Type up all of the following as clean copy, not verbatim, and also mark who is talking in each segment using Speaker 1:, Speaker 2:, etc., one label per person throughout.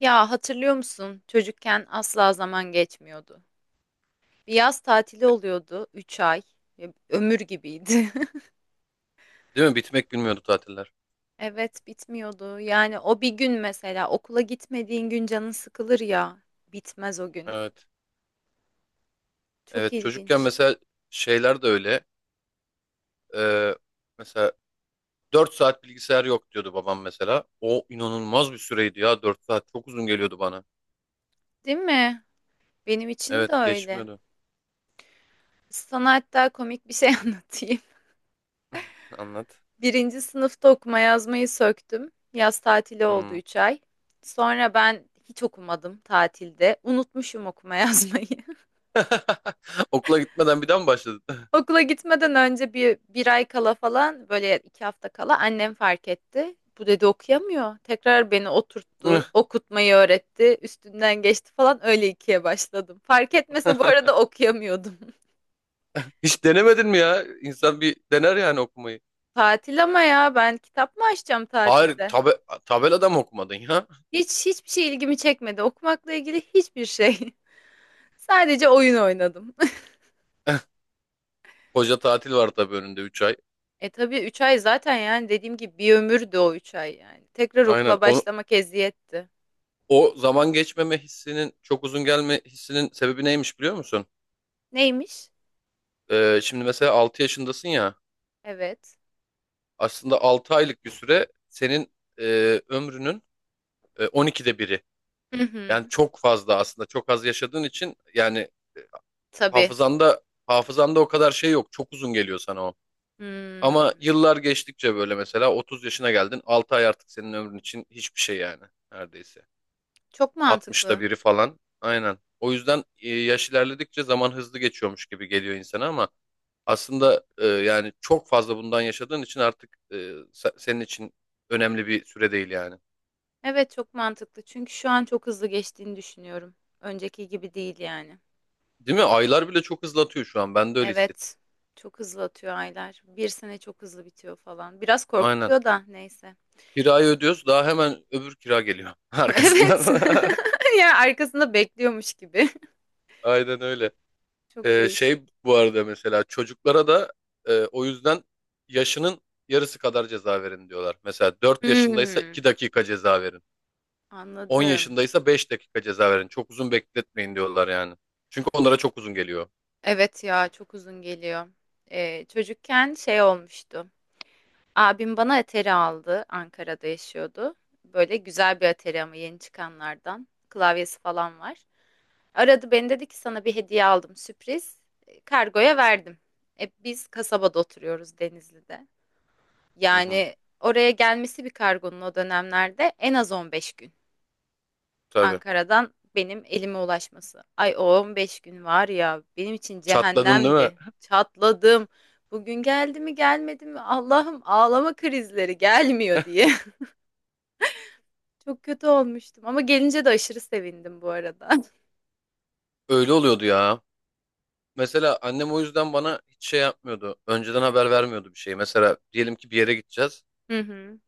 Speaker 1: Ya hatırlıyor musun? Çocukken asla zaman geçmiyordu. Bir yaz tatili oluyordu 3 ay. Ya, ömür gibiydi.
Speaker 2: Değil mi? Bitmek bilmiyordu tatiller.
Speaker 1: Evet bitmiyordu. Yani o bir gün mesela okula gitmediğin gün canın sıkılır ya. Bitmez o gün.
Speaker 2: Evet.
Speaker 1: Çok
Speaker 2: Evet çocukken
Speaker 1: ilginç.
Speaker 2: mesela şeyler de öyle. Ee, mesela 4 saat bilgisayar yok diyordu babam mesela. O inanılmaz bir süreydi ya, 4 saat. Çok uzun geliyordu bana.
Speaker 1: Değil mi? Benim için de
Speaker 2: Evet
Speaker 1: öyle.
Speaker 2: geçmiyordu.
Speaker 1: Sana hatta komik bir şey anlatayım.
Speaker 2: Anlat.
Speaker 1: Birinci sınıfta okuma yazmayı söktüm. Yaz tatili oldu
Speaker 2: Hmm.
Speaker 1: 3 ay. Sonra ben hiç okumadım tatilde. Unutmuşum okuma yazmayı.
Speaker 2: Okula gitmeden bir daha mı başladın?
Speaker 1: Okula gitmeden önce bir ay kala falan böyle 2 hafta kala annem fark etti. Bu dedi okuyamıyor. Tekrar beni oturttu, okutmayı öğretti, üstünden geçti falan öyle ikiye başladım. Fark etmese bu arada okuyamıyordum.
Speaker 2: Hiç denemedin mi ya? İnsan bir dener yani okumayı.
Speaker 1: Tatil ama ya ben kitap mı açacağım
Speaker 2: Hayır
Speaker 1: tatilde?
Speaker 2: tabelada mı okumadın ya?
Speaker 1: Hiç hiçbir şey ilgimi çekmedi. Okumakla ilgili hiçbir şey. Sadece oyun oynadım.
Speaker 2: Koca tatil var tabii önünde, 3 ay.
Speaker 1: E tabii 3 ay zaten yani dediğim gibi bir ömürdü o 3 ay yani. Tekrar
Speaker 2: Aynen.
Speaker 1: okula başlamak eziyetti.
Speaker 2: O zaman geçmeme hissinin, çok uzun gelme hissinin sebebi neymiş, biliyor musun?
Speaker 1: Neymiş?
Speaker 2: Şimdi mesela 6 yaşındasın ya,
Speaker 1: Evet.
Speaker 2: aslında 6 aylık bir süre senin ömrünün 12'de biri.
Speaker 1: Hı
Speaker 2: Yani
Speaker 1: hı.
Speaker 2: çok fazla, aslında çok az yaşadığın için yani, e,
Speaker 1: Tabii.
Speaker 2: hafızanda hafızanda o kadar şey yok. Çok uzun geliyor sana o. Ama
Speaker 1: Hımm.
Speaker 2: yıllar geçtikçe, böyle mesela 30 yaşına geldin, 6 ay artık senin ömrün için hiçbir şey yani, neredeyse.
Speaker 1: Çok
Speaker 2: 60'ta
Speaker 1: mantıklı.
Speaker 2: biri falan. Aynen. O yüzden yaş ilerledikçe zaman hızlı geçiyormuş gibi geliyor insana ama aslında, yani çok fazla bundan yaşadığın için artık, senin için önemli bir süre değil yani.
Speaker 1: Evet, çok mantıklı. Çünkü şu an çok hızlı geçtiğini düşünüyorum. Önceki gibi değil yani.
Speaker 2: Değil mi? Aylar bile çok hızlatıyor şu an. Ben de öyle hissettim.
Speaker 1: Evet. Çok hızlı atıyor aylar. Bir sene çok hızlı bitiyor falan. Biraz
Speaker 2: Aynen.
Speaker 1: korkutuyor da neyse.
Speaker 2: Kirayı ödüyoruz. Daha hemen öbür kira geliyor arkasından.
Speaker 1: Evet. Ya arkasında bekliyormuş gibi.
Speaker 2: Aynen öyle.
Speaker 1: Çok değişik.
Speaker 2: Şey bu arada mesela çocuklara da o yüzden yaşının yarısı kadar ceza verin diyorlar. Mesela 4 yaşındaysa 2
Speaker 1: Hımm.
Speaker 2: dakika ceza verin. 10
Speaker 1: Anladım.
Speaker 2: yaşındaysa 5 dakika ceza verin. Çok uzun bekletmeyin diyorlar yani. Çünkü onlara çok uzun geliyor.
Speaker 1: Evet ya çok uzun geliyor. Çocukken şey olmuştu. Abim bana Atari aldı. Ankara'da yaşıyordu. Böyle güzel bir Atari ama yeni çıkanlardan. Klavyesi falan var. Aradı beni dedi ki sana bir hediye aldım sürpriz. Kargoya verdim. Biz kasabada oturuyoruz Denizli'de.
Speaker 2: Hı hı.
Speaker 1: Yani oraya gelmesi bir kargonun o dönemlerde en az 15 gün.
Speaker 2: Tabii.
Speaker 1: Ankara'dan benim elime ulaşması. Ay o 15 gün var ya benim için
Speaker 2: Çatladın değil mi?
Speaker 1: cehennemdi. Çatladım. Bugün geldi mi gelmedi mi Allah'ım ağlama krizleri gelmiyor diye. Çok kötü olmuştum ama gelince de aşırı sevindim bu arada.
Speaker 2: Öyle oluyordu ya. Mesela annem o yüzden bana hiç şey yapmıyordu. Önceden haber vermiyordu bir şey. Mesela diyelim ki bir yere gideceğiz.
Speaker 1: Hı hı.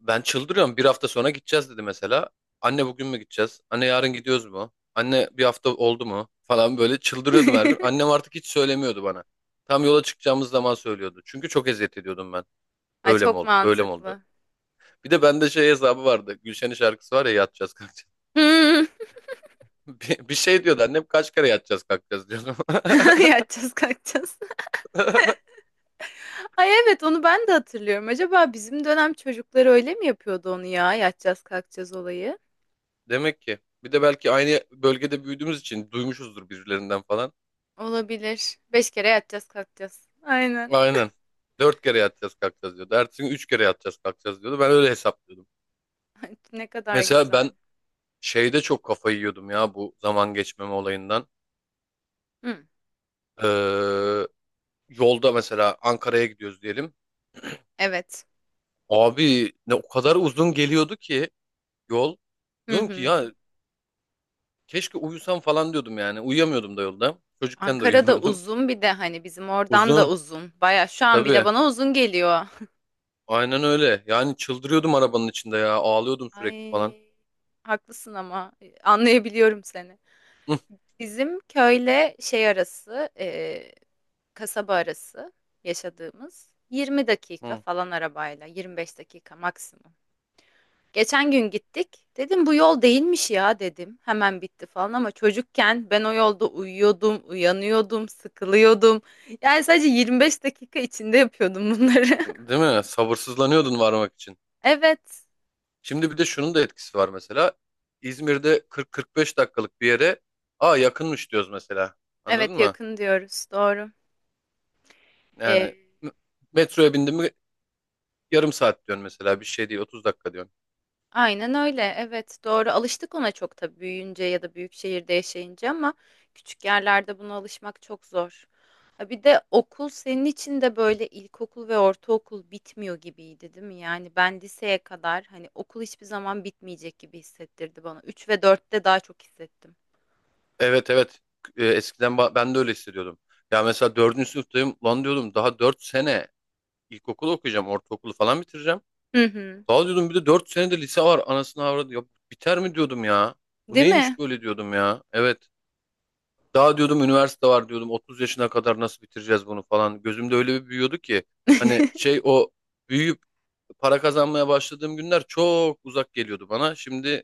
Speaker 2: Ben çıldırıyorum. Bir hafta sonra gideceğiz dedi mesela. Anne bugün mü gideceğiz? Anne yarın gidiyoruz mu? Anne bir hafta oldu mu? Falan böyle çıldırıyordum her gün. Annem artık hiç söylemiyordu bana. Tam yola çıkacağımız zaman söylüyordu. Çünkü çok eziyet ediyordum ben.
Speaker 1: Ay
Speaker 2: Öyle mi
Speaker 1: çok
Speaker 2: oldu? Böyle mi oldu?
Speaker 1: mantıklı.
Speaker 2: Bir de bende şey hesabı vardı. Gülşen'in şarkısı var ya, yatacağız kalkacağız.
Speaker 1: Hmm.
Speaker 2: Bir şey diyordu annem, kaç kere yatacağız kalkacağız diyordum.
Speaker 1: Yatacağız kalkacağız. Ay evet onu ben de hatırlıyorum. Acaba bizim dönem çocukları öyle mi yapıyordu onu ya? Yatacağız kalkacağız olayı.
Speaker 2: Demek ki. Bir de belki aynı bölgede büyüdüğümüz için duymuşuzdur birilerinden falan.
Speaker 1: Olabilir. 5 kere yatacağız kalkacağız. Aynen.
Speaker 2: Aynen. Dört kere yatacağız kalkacağız diyordu. Ertesi gün üç kere yatacağız kalkacağız diyordu. Ben öyle hesaplıyordum.
Speaker 1: Ay, ne kadar
Speaker 2: Mesela ben
Speaker 1: güzel.
Speaker 2: şeyde çok kafayı yiyordum ya, bu zaman geçmeme olayından.
Speaker 1: Hı.
Speaker 2: Ee, yolda mesela Ankara'ya gidiyoruz diyelim.
Speaker 1: Evet.
Speaker 2: Abi ne o kadar uzun geliyordu ki yol.
Speaker 1: Hı
Speaker 2: Diyorum ki
Speaker 1: hı.
Speaker 2: ya, keşke uyusam falan diyordum yani. Uyuyamıyordum da yolda. Çocukken de
Speaker 1: Ankara'da
Speaker 2: uyuyamıyordum.
Speaker 1: uzun bir de hani bizim oradan da
Speaker 2: Uzun.
Speaker 1: uzun. Baya şu an bile
Speaker 2: Tabii.
Speaker 1: bana uzun geliyor.
Speaker 2: Aynen öyle. Yani çıldırıyordum arabanın içinde ya. Ağlıyordum sürekli falan.
Speaker 1: Ay, haklısın ama anlayabiliyorum seni.
Speaker 2: Hı,
Speaker 1: Bizim köyle şey arası, kasaba arası yaşadığımız 20 dakika
Speaker 2: hı.
Speaker 1: falan arabayla, 25 dakika maksimum. Geçen gün gittik. Dedim bu yol değilmiş ya dedim. Hemen bitti falan ama çocukken ben o yolda uyuyordum, uyanıyordum, sıkılıyordum. Yani sadece 25 dakika içinde yapıyordum bunları.
Speaker 2: Değil mi? Sabırsızlanıyordun varmak için.
Speaker 1: Evet.
Speaker 2: Şimdi bir de şunun da etkisi var mesela. İzmir'de 40-45 dakikalık bir yere, aa, yakınmış diyoruz mesela.
Speaker 1: Evet
Speaker 2: Anladın mı?
Speaker 1: yakın diyoruz. Doğru.
Speaker 2: Yani
Speaker 1: Ee,
Speaker 2: m- metroya bindim mi yarım saat diyorsun mesela. Bir şey değil, 30 dakika diyorsun.
Speaker 1: Aynen öyle. Evet, doğru. Alıştık ona çok tabii büyüyünce ya da büyük şehirde yaşayınca ama küçük yerlerde buna alışmak çok zor. Ha bir de okul senin için de böyle ilkokul ve ortaokul bitmiyor gibiydi, değil mi? Yani ben liseye kadar hani okul hiçbir zaman bitmeyecek gibi hissettirdi bana. 3 ve dörtte daha çok hissettim.
Speaker 2: Evet evet. Eskiden ben de öyle hissediyordum. Ya mesela dördüncü sınıftayım. Lan diyordum, daha 4 sene ilkokulu okuyacağım. Ortaokulu falan bitireceğim.
Speaker 1: Hı hı.
Speaker 2: Daha diyordum bir de 4 sene de lise var. Anasını avradı. Ya biter mi diyordum ya. Bu
Speaker 1: Değil
Speaker 2: neymiş
Speaker 1: mi?
Speaker 2: böyle diyordum ya. Evet. Daha diyordum üniversite var diyordum. 30 yaşına kadar nasıl bitireceğiz bunu falan. Gözümde öyle bir büyüyordu ki. Hani şey, o büyüyüp para kazanmaya başladığım günler çok uzak geliyordu bana. Şimdi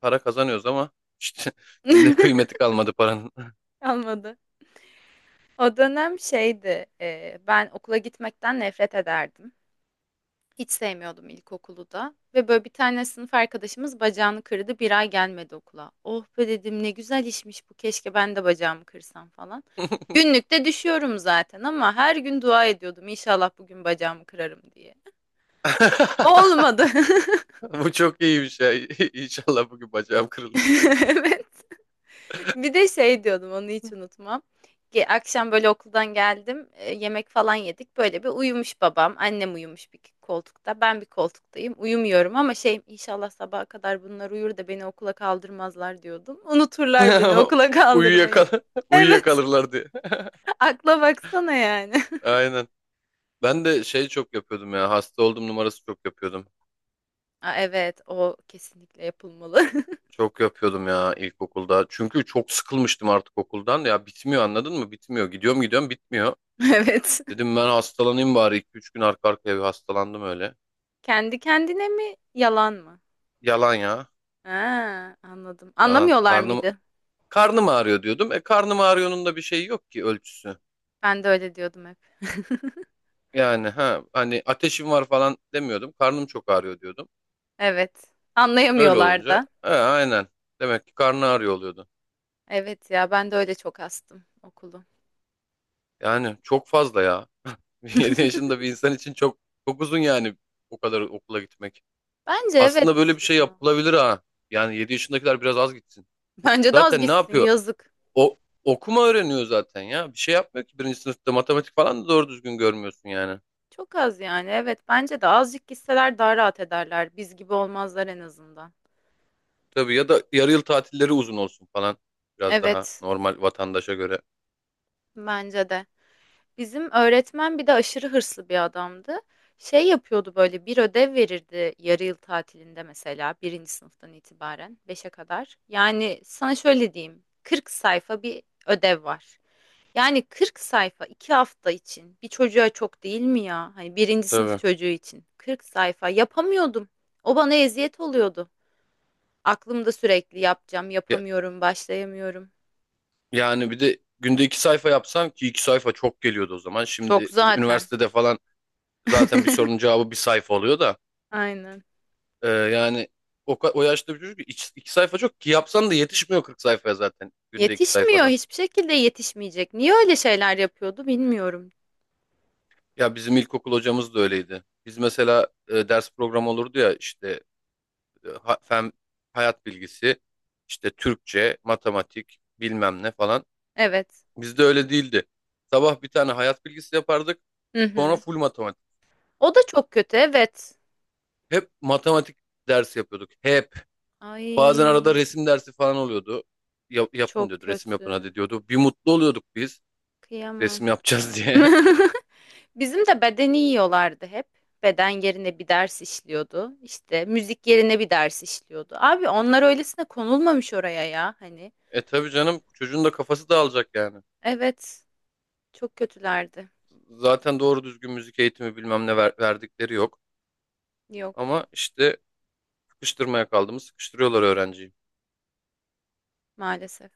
Speaker 2: para kazanıyoruz ama işte şimdi kıymeti kalmadı paranın.
Speaker 1: Kalmadı. O dönem şeydi, ben okula gitmekten nefret ederdim. Hiç sevmiyordum ilkokulu da. Ve böyle bir tane sınıf arkadaşımız bacağını kırdı. Bir ay gelmedi okula. Oh be dedim ne güzel işmiş bu. Keşke ben de bacağımı kırsam falan. Günlükte düşüyorum zaten ama her gün dua ediyordum. İnşallah bugün bacağımı kırarım diye. Olmadı.
Speaker 2: Bu çok iyiymiş ya. İnşallah bugün bacağım kırılır.
Speaker 1: Evet. Bir de şey diyordum onu hiç unutmam. Akşam böyle okuldan geldim yemek falan yedik böyle bir uyumuş babam annem uyumuş bir koltukta ben bir koltuktayım uyumuyorum ama şey inşallah sabaha kadar bunlar uyur da beni okula kaldırmazlar diyordum. Unuturlar beni okula
Speaker 2: Uyuyakal
Speaker 1: kaldırmayı. Evet
Speaker 2: uyuyakalırlar diye.
Speaker 1: akla baksana yani.
Speaker 2: Aynen. Ben de şey çok yapıyordum ya. Hasta oldum numarası çok yapıyordum.
Speaker 1: Aa, evet o kesinlikle yapılmalı.
Speaker 2: Çok yapıyordum ya ilkokulda. Çünkü çok sıkılmıştım artık okuldan. Ya bitmiyor, anladın mı? Bitmiyor. Gidiyorum gidiyorum bitmiyor.
Speaker 1: Evet
Speaker 2: Dedim ben hastalanayım bari. İki üç gün arka arkaya bir hastalandım öyle.
Speaker 1: kendi kendine mi yalan mı?
Speaker 2: Yalan ya.
Speaker 1: Ha, anladım
Speaker 2: Yalan.
Speaker 1: anlamıyorlar
Speaker 2: Karnım
Speaker 1: mıydı?
Speaker 2: karnım ağrıyor diyordum. E, karnım ağrıyor'nun da bir şeyi yok ki, ölçüsü.
Speaker 1: Ben de öyle diyordum hep.
Speaker 2: Yani ha, hani ateşim var falan demiyordum. Karnım çok ağrıyor diyordum.
Speaker 1: Evet.
Speaker 2: Öyle
Speaker 1: Anlayamıyorlar
Speaker 2: olunca
Speaker 1: da.
Speaker 2: he, aynen. Demek ki karnı ağrıyor oluyordu.
Speaker 1: Evet ya ben de öyle çok astım okulu.
Speaker 2: Yani çok fazla ya. 7 yaşında bir insan için çok çok uzun yani o kadar okula gitmek.
Speaker 1: Bence
Speaker 2: Aslında böyle
Speaker 1: evet
Speaker 2: bir şey
Speaker 1: ya.
Speaker 2: yapılabilir ha. Yani 7 yaşındakiler biraz az gitsin.
Speaker 1: Bence de az
Speaker 2: Zaten ne
Speaker 1: gitsin
Speaker 2: yapıyor?
Speaker 1: yazık.
Speaker 2: O okuma öğreniyor zaten ya. Bir şey yapmıyor ki, birinci sınıfta matematik falan da doğru düzgün görmüyorsun yani.
Speaker 1: Çok az yani evet bence de azıcık gitseler daha rahat ederler. Biz gibi olmazlar en azından.
Speaker 2: Tabii, ya da yarı yıl tatilleri uzun olsun falan. Biraz daha
Speaker 1: Evet
Speaker 2: normal vatandaşa göre.
Speaker 1: bence de. Bizim öğretmen bir de aşırı hırslı bir adamdı. Şey yapıyordu böyle bir ödev verirdi yarı yıl tatilinde mesela birinci sınıftan itibaren beşe kadar. Yani sana şöyle diyeyim 40 sayfa bir ödev var. Yani 40 sayfa 2 hafta için bir çocuğa çok değil mi ya? Hani birinci sınıf
Speaker 2: Tabii.
Speaker 1: çocuğu için 40 sayfa yapamıyordum. O bana eziyet oluyordu. Aklımda sürekli yapacağım
Speaker 2: Ya,
Speaker 1: yapamıyorum başlayamıyorum.
Speaker 2: yani bir de günde iki sayfa yapsam ki iki sayfa çok geliyordu o zaman.
Speaker 1: Çok
Speaker 2: Şimdi
Speaker 1: zaten.
Speaker 2: üniversitede falan zaten bir sorunun cevabı bir sayfa oluyor da.
Speaker 1: Aynen.
Speaker 2: Yani o yaşta bir çocuk iki sayfa çok ki yapsan da yetişmiyor 40 sayfaya zaten günde iki
Speaker 1: Yetişmiyor
Speaker 2: sayfadan.
Speaker 1: hiçbir şekilde yetişmeyecek. Niye öyle şeyler yapıyordu bilmiyorum.
Speaker 2: Ya bizim ilkokul hocamız da öyleydi. Biz mesela ders programı olurdu ya işte, fen, hayat bilgisi, işte Türkçe, matematik, bilmem ne falan.
Speaker 1: Evet.
Speaker 2: Bizde öyle değildi. Sabah bir tane hayat bilgisi yapardık,
Speaker 1: Hı
Speaker 2: sonra
Speaker 1: hı.
Speaker 2: full matematik.
Speaker 1: O da çok kötü evet.
Speaker 2: Hep matematik dersi yapıyorduk. Hep. Bazen arada
Speaker 1: Ay
Speaker 2: resim dersi falan oluyordu. Yapın
Speaker 1: çok
Speaker 2: diyordu. Resim yapın hadi
Speaker 1: kötü.
Speaker 2: diyordu. Bir mutlu oluyorduk biz.
Speaker 1: Kıyamam.
Speaker 2: Resim yapacağız diye.
Speaker 1: Bizim de bedeni yiyorlardı hep. Beden yerine bir ders işliyordu. İşte müzik yerine bir ders işliyordu. Abi onlar öylesine konulmamış oraya ya hani.
Speaker 2: E tabii canım, çocuğun da kafası dağılacak yani.
Speaker 1: Evet çok kötülerdi.
Speaker 2: Zaten doğru düzgün müzik eğitimi bilmem ne verdikleri yok.
Speaker 1: Yok
Speaker 2: Ama işte sıkıştırmaya kaldığımız sıkıştırıyorlar öğrenciyi.
Speaker 1: maalesef.